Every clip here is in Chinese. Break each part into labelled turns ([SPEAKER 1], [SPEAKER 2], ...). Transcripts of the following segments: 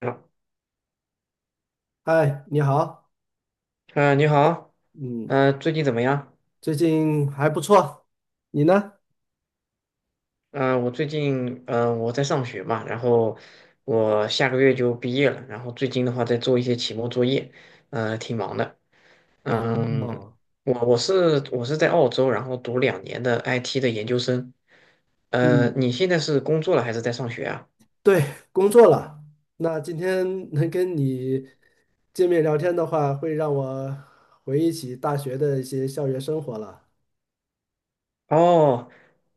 [SPEAKER 1] 嗯。
[SPEAKER 2] 嗨，你好。
[SPEAKER 1] 你好，
[SPEAKER 2] 嗯。
[SPEAKER 1] 最近怎么样？
[SPEAKER 2] 最近还不错，你呢？
[SPEAKER 1] 我最近，我在上学嘛，然后我下个月就毕业了，然后最近的话在做一些期末作业，挺忙的。
[SPEAKER 2] 哦。
[SPEAKER 1] 嗯。
[SPEAKER 2] 哦。
[SPEAKER 1] 我是在澳洲，然后读两年的 IT 的研究生。
[SPEAKER 2] 嗯，
[SPEAKER 1] 你现在是工作了还是在上学啊？
[SPEAKER 2] 对，工作了。那今天能跟你见面聊天的话，会让我回忆起大学的一些校园生活了。
[SPEAKER 1] 哦。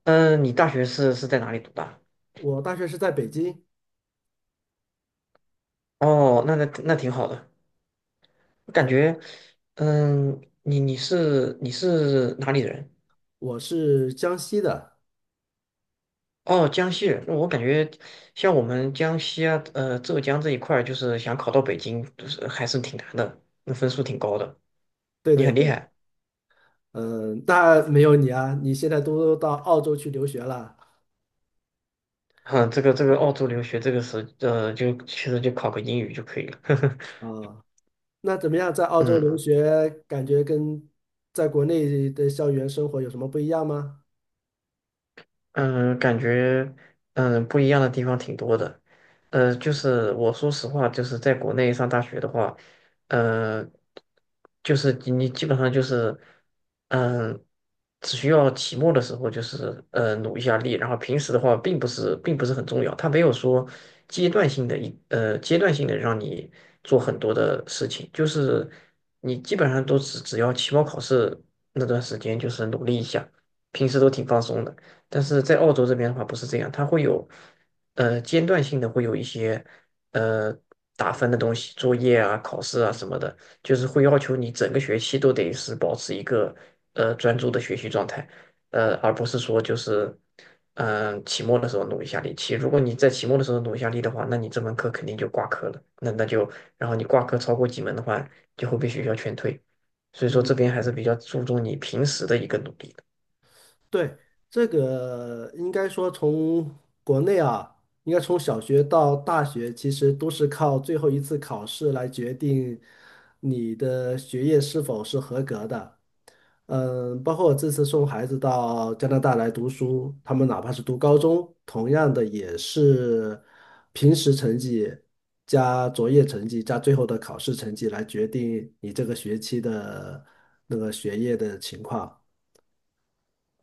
[SPEAKER 1] 嗯、你大学是在哪里读的？
[SPEAKER 2] 我大学是在北京。
[SPEAKER 1] 哦，那挺好的，我感
[SPEAKER 2] 嗯。
[SPEAKER 1] 觉。嗯，你是哪里人？
[SPEAKER 2] 我是江西的。
[SPEAKER 1] 哦，江西人，那我感觉像我们江西啊，浙江这一块儿，就是想考到北京，就是还是挺难的，那分数挺高的。
[SPEAKER 2] 对
[SPEAKER 1] 你
[SPEAKER 2] 对
[SPEAKER 1] 很
[SPEAKER 2] 对。
[SPEAKER 1] 厉害。
[SPEAKER 2] 嗯，那没有你啊，你现在都到澳洲去留学了
[SPEAKER 1] 哼，这个澳洲留学这个是，就其实就考个英语就可以了。
[SPEAKER 2] 啊。那怎么样，在澳洲留
[SPEAKER 1] 嗯。
[SPEAKER 2] 学，感觉跟在国内的校园生活有什么不一样吗？
[SPEAKER 1] 嗯，感觉不一样的地方挺多的，就是我说实话，就是在国内上大学的话，呃，就是你基本上就是嗯，只需要期末的时候就是努一下力，然后平时的话并不是很重要，它没有说阶段性的阶段性的让你做很多的事情，就是你基本上都只要期末考试那段时间就是努力一下，平时都挺放松的。但是在澳洲这边的话不是这样，它会有间断性的会有一些呃打分的东西，作业啊、考试啊什么的，就是会要求你整个学期都得是保持一个专注的学习状态，而不是说就是期末的时候努一下力。如果你在期末的时候努一下力的话，那你这门课肯定就挂科了，那那就然后你挂科超过几门的话，就会被学校劝退。所以说这
[SPEAKER 2] 嗯。
[SPEAKER 1] 边还是比较注重你平时的一个努力的。
[SPEAKER 2] 对。这个应该说从国内啊，应该从小学到大学，其实都是靠最后一次考试来决定你的学业是否是合格的。嗯，包括我这次送孩子到加拿大来读书，他们哪怕是读高中，同样的也是平时成绩加作业成绩加最后的考试成绩来决定你这个学期的那个学业的情况。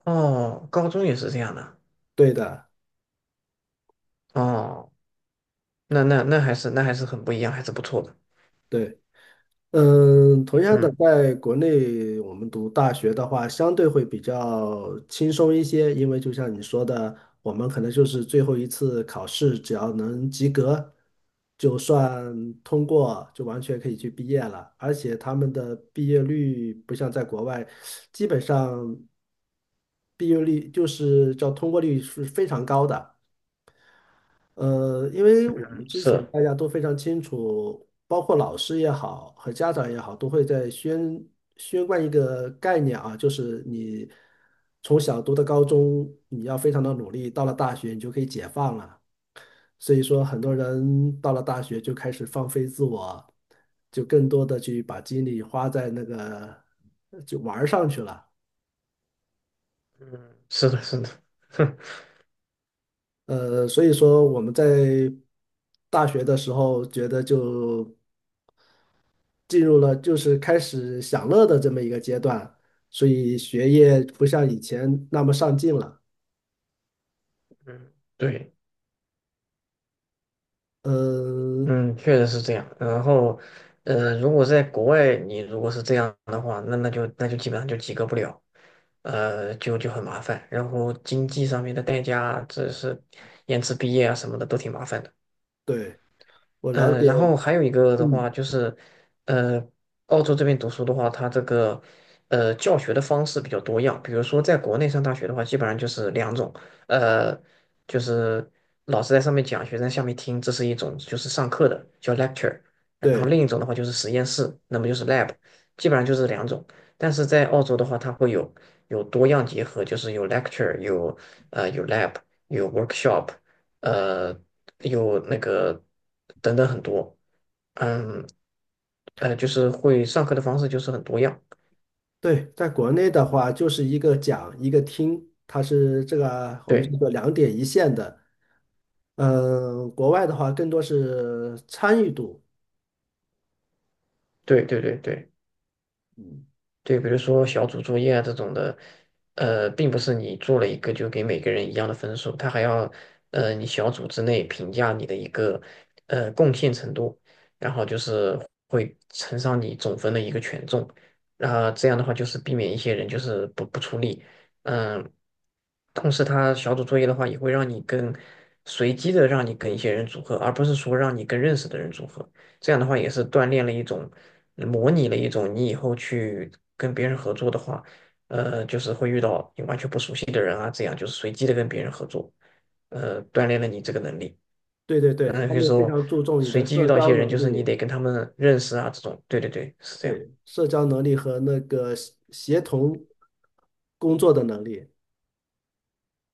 [SPEAKER 1] 哦，高中也是这样的。
[SPEAKER 2] 对的。
[SPEAKER 1] 哦，那还是还是很不一样，还是不错的。
[SPEAKER 2] 对。嗯，同样的，
[SPEAKER 1] 嗯，
[SPEAKER 2] 在国内我们读大学的话，相对会比较轻松一些，因为就像你说的，我们可能就是最后一次考试，只要能及格，就算通过，就完全可以去毕业了。而且他们的毕业率不像在国外，基本上毕业率就是叫通过率是非常高的。因为我们之前
[SPEAKER 1] 是。
[SPEAKER 2] 大家都非常清楚，包括老师也好和家长也好，都会在宣贯一个概念啊，就是你从小读到高中，你要非常的努力，到了大学你就可以解放了。所以说，很多人到了大学就开始放飞自我，就更多的去把精力花在那个就玩儿上去了。
[SPEAKER 1] 嗯，是的，
[SPEAKER 2] 所以说我们在大学的时候觉得就。进入了就是开始享乐的这么一个阶段，所以学业不像以前那么上进了。
[SPEAKER 1] 嗯，对。
[SPEAKER 2] 嗯，
[SPEAKER 1] 嗯，确实是这样。然后，如果在国外，你如果是这样的话，那就基本上就及格不了，就很麻烦。然后经济上面的代价，这是延迟毕业啊什么的都挺麻烦的。
[SPEAKER 2] 对，我了解。
[SPEAKER 1] 然后还有一个的话
[SPEAKER 2] 嗯。
[SPEAKER 1] 就是，呃，澳洲这边读书的话，它这个教学的方式比较多样。比如说，在国内上大学的话，基本上就是两种，呃，就是老师在上面讲，学生在下面听，这是一种就是上课的叫 lecture，然后
[SPEAKER 2] 对
[SPEAKER 1] 另一种的话就是实验室，那么就是 lab，基本上就是两种。但是在澳洲的话，它会有多样结合，就是有 lecture，有有 lab，有 workshop。呃有那个等等很多。嗯。就是会上课的方式就是很多样。
[SPEAKER 2] 对，在国内的话就是一个讲一个听，它是这个我们
[SPEAKER 1] 对
[SPEAKER 2] 叫做两点一线的。嗯，国外的话更多是参与度。
[SPEAKER 1] 对对对对。对，比如说小组作业啊这种的，并不是你做了一个就给每个人一样的分数，他还要，你小组之内评价你的一个，贡献程度，然后就是会乘上你总分的一个权重，然后这样的话就是避免一些人就是不出力。嗯，同时他小组作业的话也会让你跟随机的让你跟一些人组合，而不是说让你跟认识的人组合。这样的话也是锻炼了一种，模拟了一种你以后去跟别人合作的话，就是会遇到你完全不熟悉的人啊，这样就是随机的跟别人合作，锻炼了你这个能力。
[SPEAKER 2] 对对对，
[SPEAKER 1] 嗯、有
[SPEAKER 2] 他
[SPEAKER 1] 些时
[SPEAKER 2] 们非
[SPEAKER 1] 候
[SPEAKER 2] 常注重你
[SPEAKER 1] 随
[SPEAKER 2] 的
[SPEAKER 1] 机遇
[SPEAKER 2] 社
[SPEAKER 1] 到一
[SPEAKER 2] 交
[SPEAKER 1] 些人，就
[SPEAKER 2] 能
[SPEAKER 1] 是你
[SPEAKER 2] 力。
[SPEAKER 1] 得跟他们认识啊，这种。对对对，是这样。
[SPEAKER 2] 对，社交能力和那个协同工作的能力。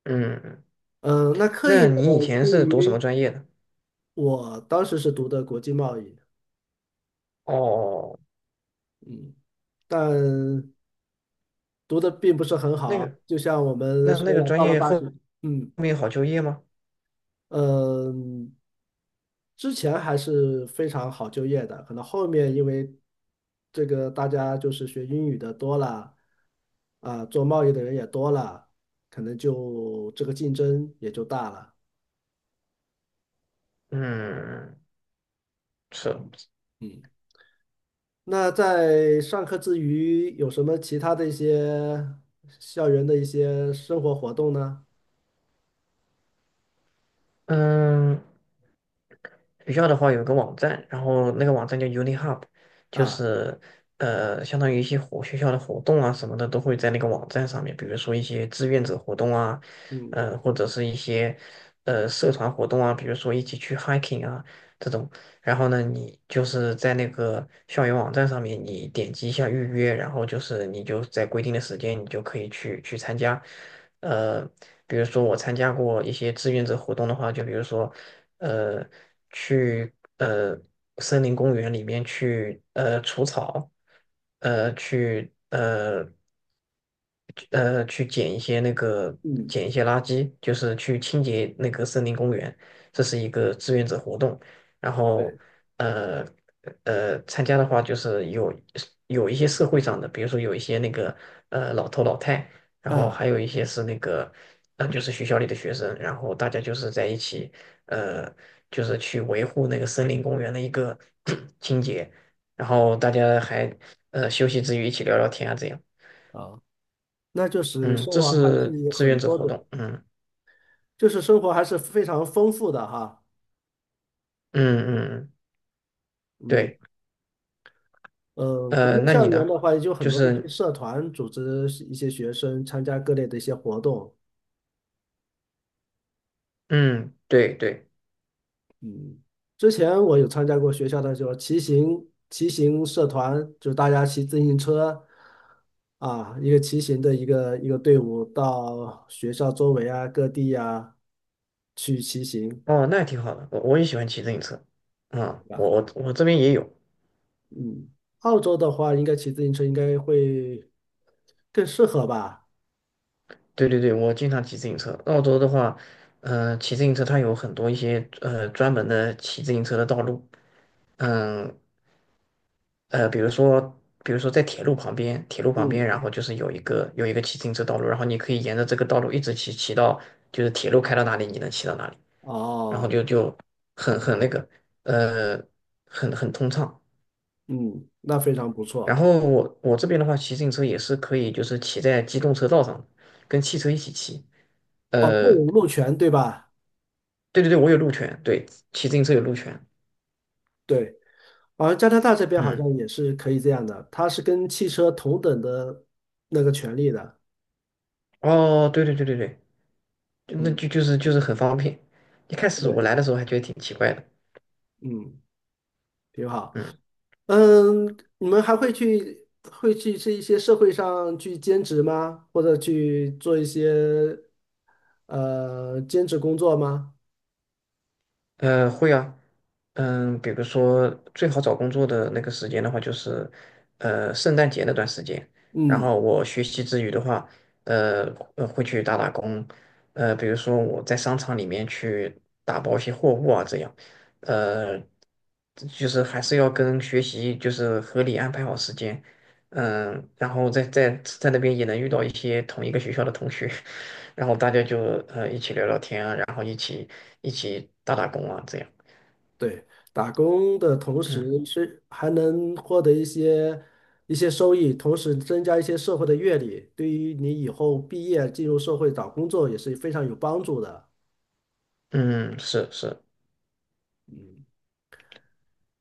[SPEAKER 1] 嗯。嗯，
[SPEAKER 2] 嗯，那课业
[SPEAKER 1] 那你以前
[SPEAKER 2] 之
[SPEAKER 1] 是读什么
[SPEAKER 2] 余，
[SPEAKER 1] 专业的？
[SPEAKER 2] 我当时是读的国际贸易。
[SPEAKER 1] 哦，
[SPEAKER 2] 嗯。但读的并不是很
[SPEAKER 1] 那
[SPEAKER 2] 好。
[SPEAKER 1] 个，
[SPEAKER 2] 就像我们
[SPEAKER 1] 那那
[SPEAKER 2] 说
[SPEAKER 1] 个
[SPEAKER 2] 了，
[SPEAKER 1] 专
[SPEAKER 2] 到了
[SPEAKER 1] 业
[SPEAKER 2] 大
[SPEAKER 1] 后
[SPEAKER 2] 学。嗯
[SPEAKER 1] 面好就业吗？
[SPEAKER 2] 嗯。之前还是非常好就业的，可能后面因为这个大家就是学英语的多了。啊，做贸易的人也多了，可能就这个竞争也就大了。
[SPEAKER 1] 嗯，是。
[SPEAKER 2] 嗯。那在上课之余，有什么其他的一些校园的一些生活活动呢？
[SPEAKER 1] 嗯。学校的话有个网站，然后那个网站叫 UniHub，就
[SPEAKER 2] 啊。
[SPEAKER 1] 是相当于一些学校的活动啊什么的都会在那个网站上面，比如说一些志愿者活动啊，
[SPEAKER 2] 嗯
[SPEAKER 1] 或者是一些社团活动啊，比如说一起去 hiking 啊这种。然后呢，你就是在那个校园网站上面，你点击一下预约，然后就是你就在规定的时间，你就可以去参加。呃，比如说我参加过一些志愿者活动的话，就比如说，呃，去呃森林公园里面去除草，呃去呃去捡一些那个
[SPEAKER 2] 嗯。
[SPEAKER 1] 捡一些垃圾，就是去清洁那个森林公园，这是一个志愿者活动。然后
[SPEAKER 2] 对。
[SPEAKER 1] 呃参加的话就是有一些社会上的，比如说有一些那个老头老太，然后
[SPEAKER 2] 啊。
[SPEAKER 1] 还有一些是那个就是学校里的学生，然后大家就是在一起呃就是去维护那个森林公园的一个 清洁，然后大家还休息之余一起聊聊天啊这样。
[SPEAKER 2] 好，那就是
[SPEAKER 1] 嗯，
[SPEAKER 2] 生
[SPEAKER 1] 这
[SPEAKER 2] 活还是
[SPEAKER 1] 是
[SPEAKER 2] 有
[SPEAKER 1] 志
[SPEAKER 2] 很
[SPEAKER 1] 愿者
[SPEAKER 2] 多
[SPEAKER 1] 活
[SPEAKER 2] 的，
[SPEAKER 1] 动。嗯
[SPEAKER 2] 就是生活还是非常丰富的哈。
[SPEAKER 1] 嗯。嗯嗯
[SPEAKER 2] 嗯。
[SPEAKER 1] 对。
[SPEAKER 2] 国内
[SPEAKER 1] 那
[SPEAKER 2] 校
[SPEAKER 1] 你
[SPEAKER 2] 园
[SPEAKER 1] 呢？
[SPEAKER 2] 的话，也就很
[SPEAKER 1] 就
[SPEAKER 2] 多的
[SPEAKER 1] 是
[SPEAKER 2] 社团组织一些学生参加各类的一些活动。
[SPEAKER 1] 嗯，对对。
[SPEAKER 2] 嗯，之前我有参加过学校的就是骑行社团，就是大家骑自行车啊，一个骑行的一个队伍到学校周围啊、各地呀去骑行，
[SPEAKER 1] 哦，那也挺好的，我也喜欢骑自行车。啊、
[SPEAKER 2] 对吧？
[SPEAKER 1] 我这边也有。
[SPEAKER 2] 嗯，澳洲的话，应该骑自行车应该会更适合吧？
[SPEAKER 1] 对对对，我经常骑自行车。澳洲的话，嗯、骑自行车它有很多一些专门的骑自行车的道路。嗯。呃，比如说比如说在铁路旁边，铁路旁边，
[SPEAKER 2] 嗯。
[SPEAKER 1] 然后就是有一个骑自行车道路，然后你可以沿着这个道路一直骑到就是铁路开到哪里，你能骑到哪里，然后
[SPEAKER 2] 哦。
[SPEAKER 1] 就就那个呃很很通畅。
[SPEAKER 2] 嗯，那非常不
[SPEAKER 1] 然
[SPEAKER 2] 错。
[SPEAKER 1] 后我这边的话，骑自行车也是可以，就是骑在机动车道上，跟汽车一起骑。
[SPEAKER 2] 哦，动
[SPEAKER 1] 呃，
[SPEAKER 2] 物路权对吧？
[SPEAKER 1] 对对对，我有路权，对，骑自行车有路权。
[SPEAKER 2] 对。而加拿大这边好
[SPEAKER 1] 嗯。
[SPEAKER 2] 像也是可以这样的，它是跟汽车同等的那个权利的。
[SPEAKER 1] 哦，对对对对对，就那
[SPEAKER 2] 嗯，
[SPEAKER 1] 就就是就是很方便。一开始我
[SPEAKER 2] 对。
[SPEAKER 1] 来的时候还觉得挺奇怪的。
[SPEAKER 2] 嗯，挺好。
[SPEAKER 1] 嗯。
[SPEAKER 2] 嗯，你们还会会去这一些社会上去兼职吗？或者去做一些兼职工作吗？
[SPEAKER 1] 会啊。嗯，比如说最好找工作的那个时间的话，就是圣诞节那段时间。然
[SPEAKER 2] 嗯，
[SPEAKER 1] 后我学习之余的话，呃会去打打工，比如说我在商场里面去打包一些货物啊，这样。呃这就是还是要跟学习就是合理安排好时间。嗯，然后在那边也能遇到一些同一个学校的同学。然后大家就一起聊聊天啊，然后一起。一起打打工啊，这样。
[SPEAKER 2] 对，打工的同时
[SPEAKER 1] 嗯
[SPEAKER 2] 是还能获得一些一些收益，同时增加一些社会的阅历，对于你以后毕业进入社会找工作也是非常有帮助的。
[SPEAKER 1] 嗯，是是。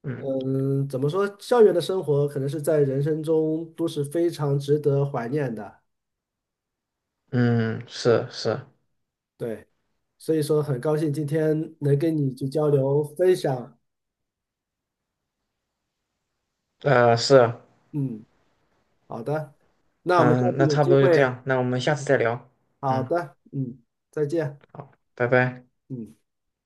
[SPEAKER 1] 嗯
[SPEAKER 2] 嗯，怎么说？校园的生活可能是在人生中都是非常值得怀念的。
[SPEAKER 1] 嗯是是。
[SPEAKER 2] 对。所以说，很高兴今天能跟你去交流分享。
[SPEAKER 1] 是啊。
[SPEAKER 2] 嗯，好的，那我们下
[SPEAKER 1] 嗯，
[SPEAKER 2] 次
[SPEAKER 1] 那
[SPEAKER 2] 有
[SPEAKER 1] 差不
[SPEAKER 2] 机
[SPEAKER 1] 多就这
[SPEAKER 2] 会。
[SPEAKER 1] 样，那我们下次再聊。
[SPEAKER 2] 好
[SPEAKER 1] 嗯。
[SPEAKER 2] 的，嗯，再见。
[SPEAKER 1] 好，拜拜。
[SPEAKER 2] 嗯。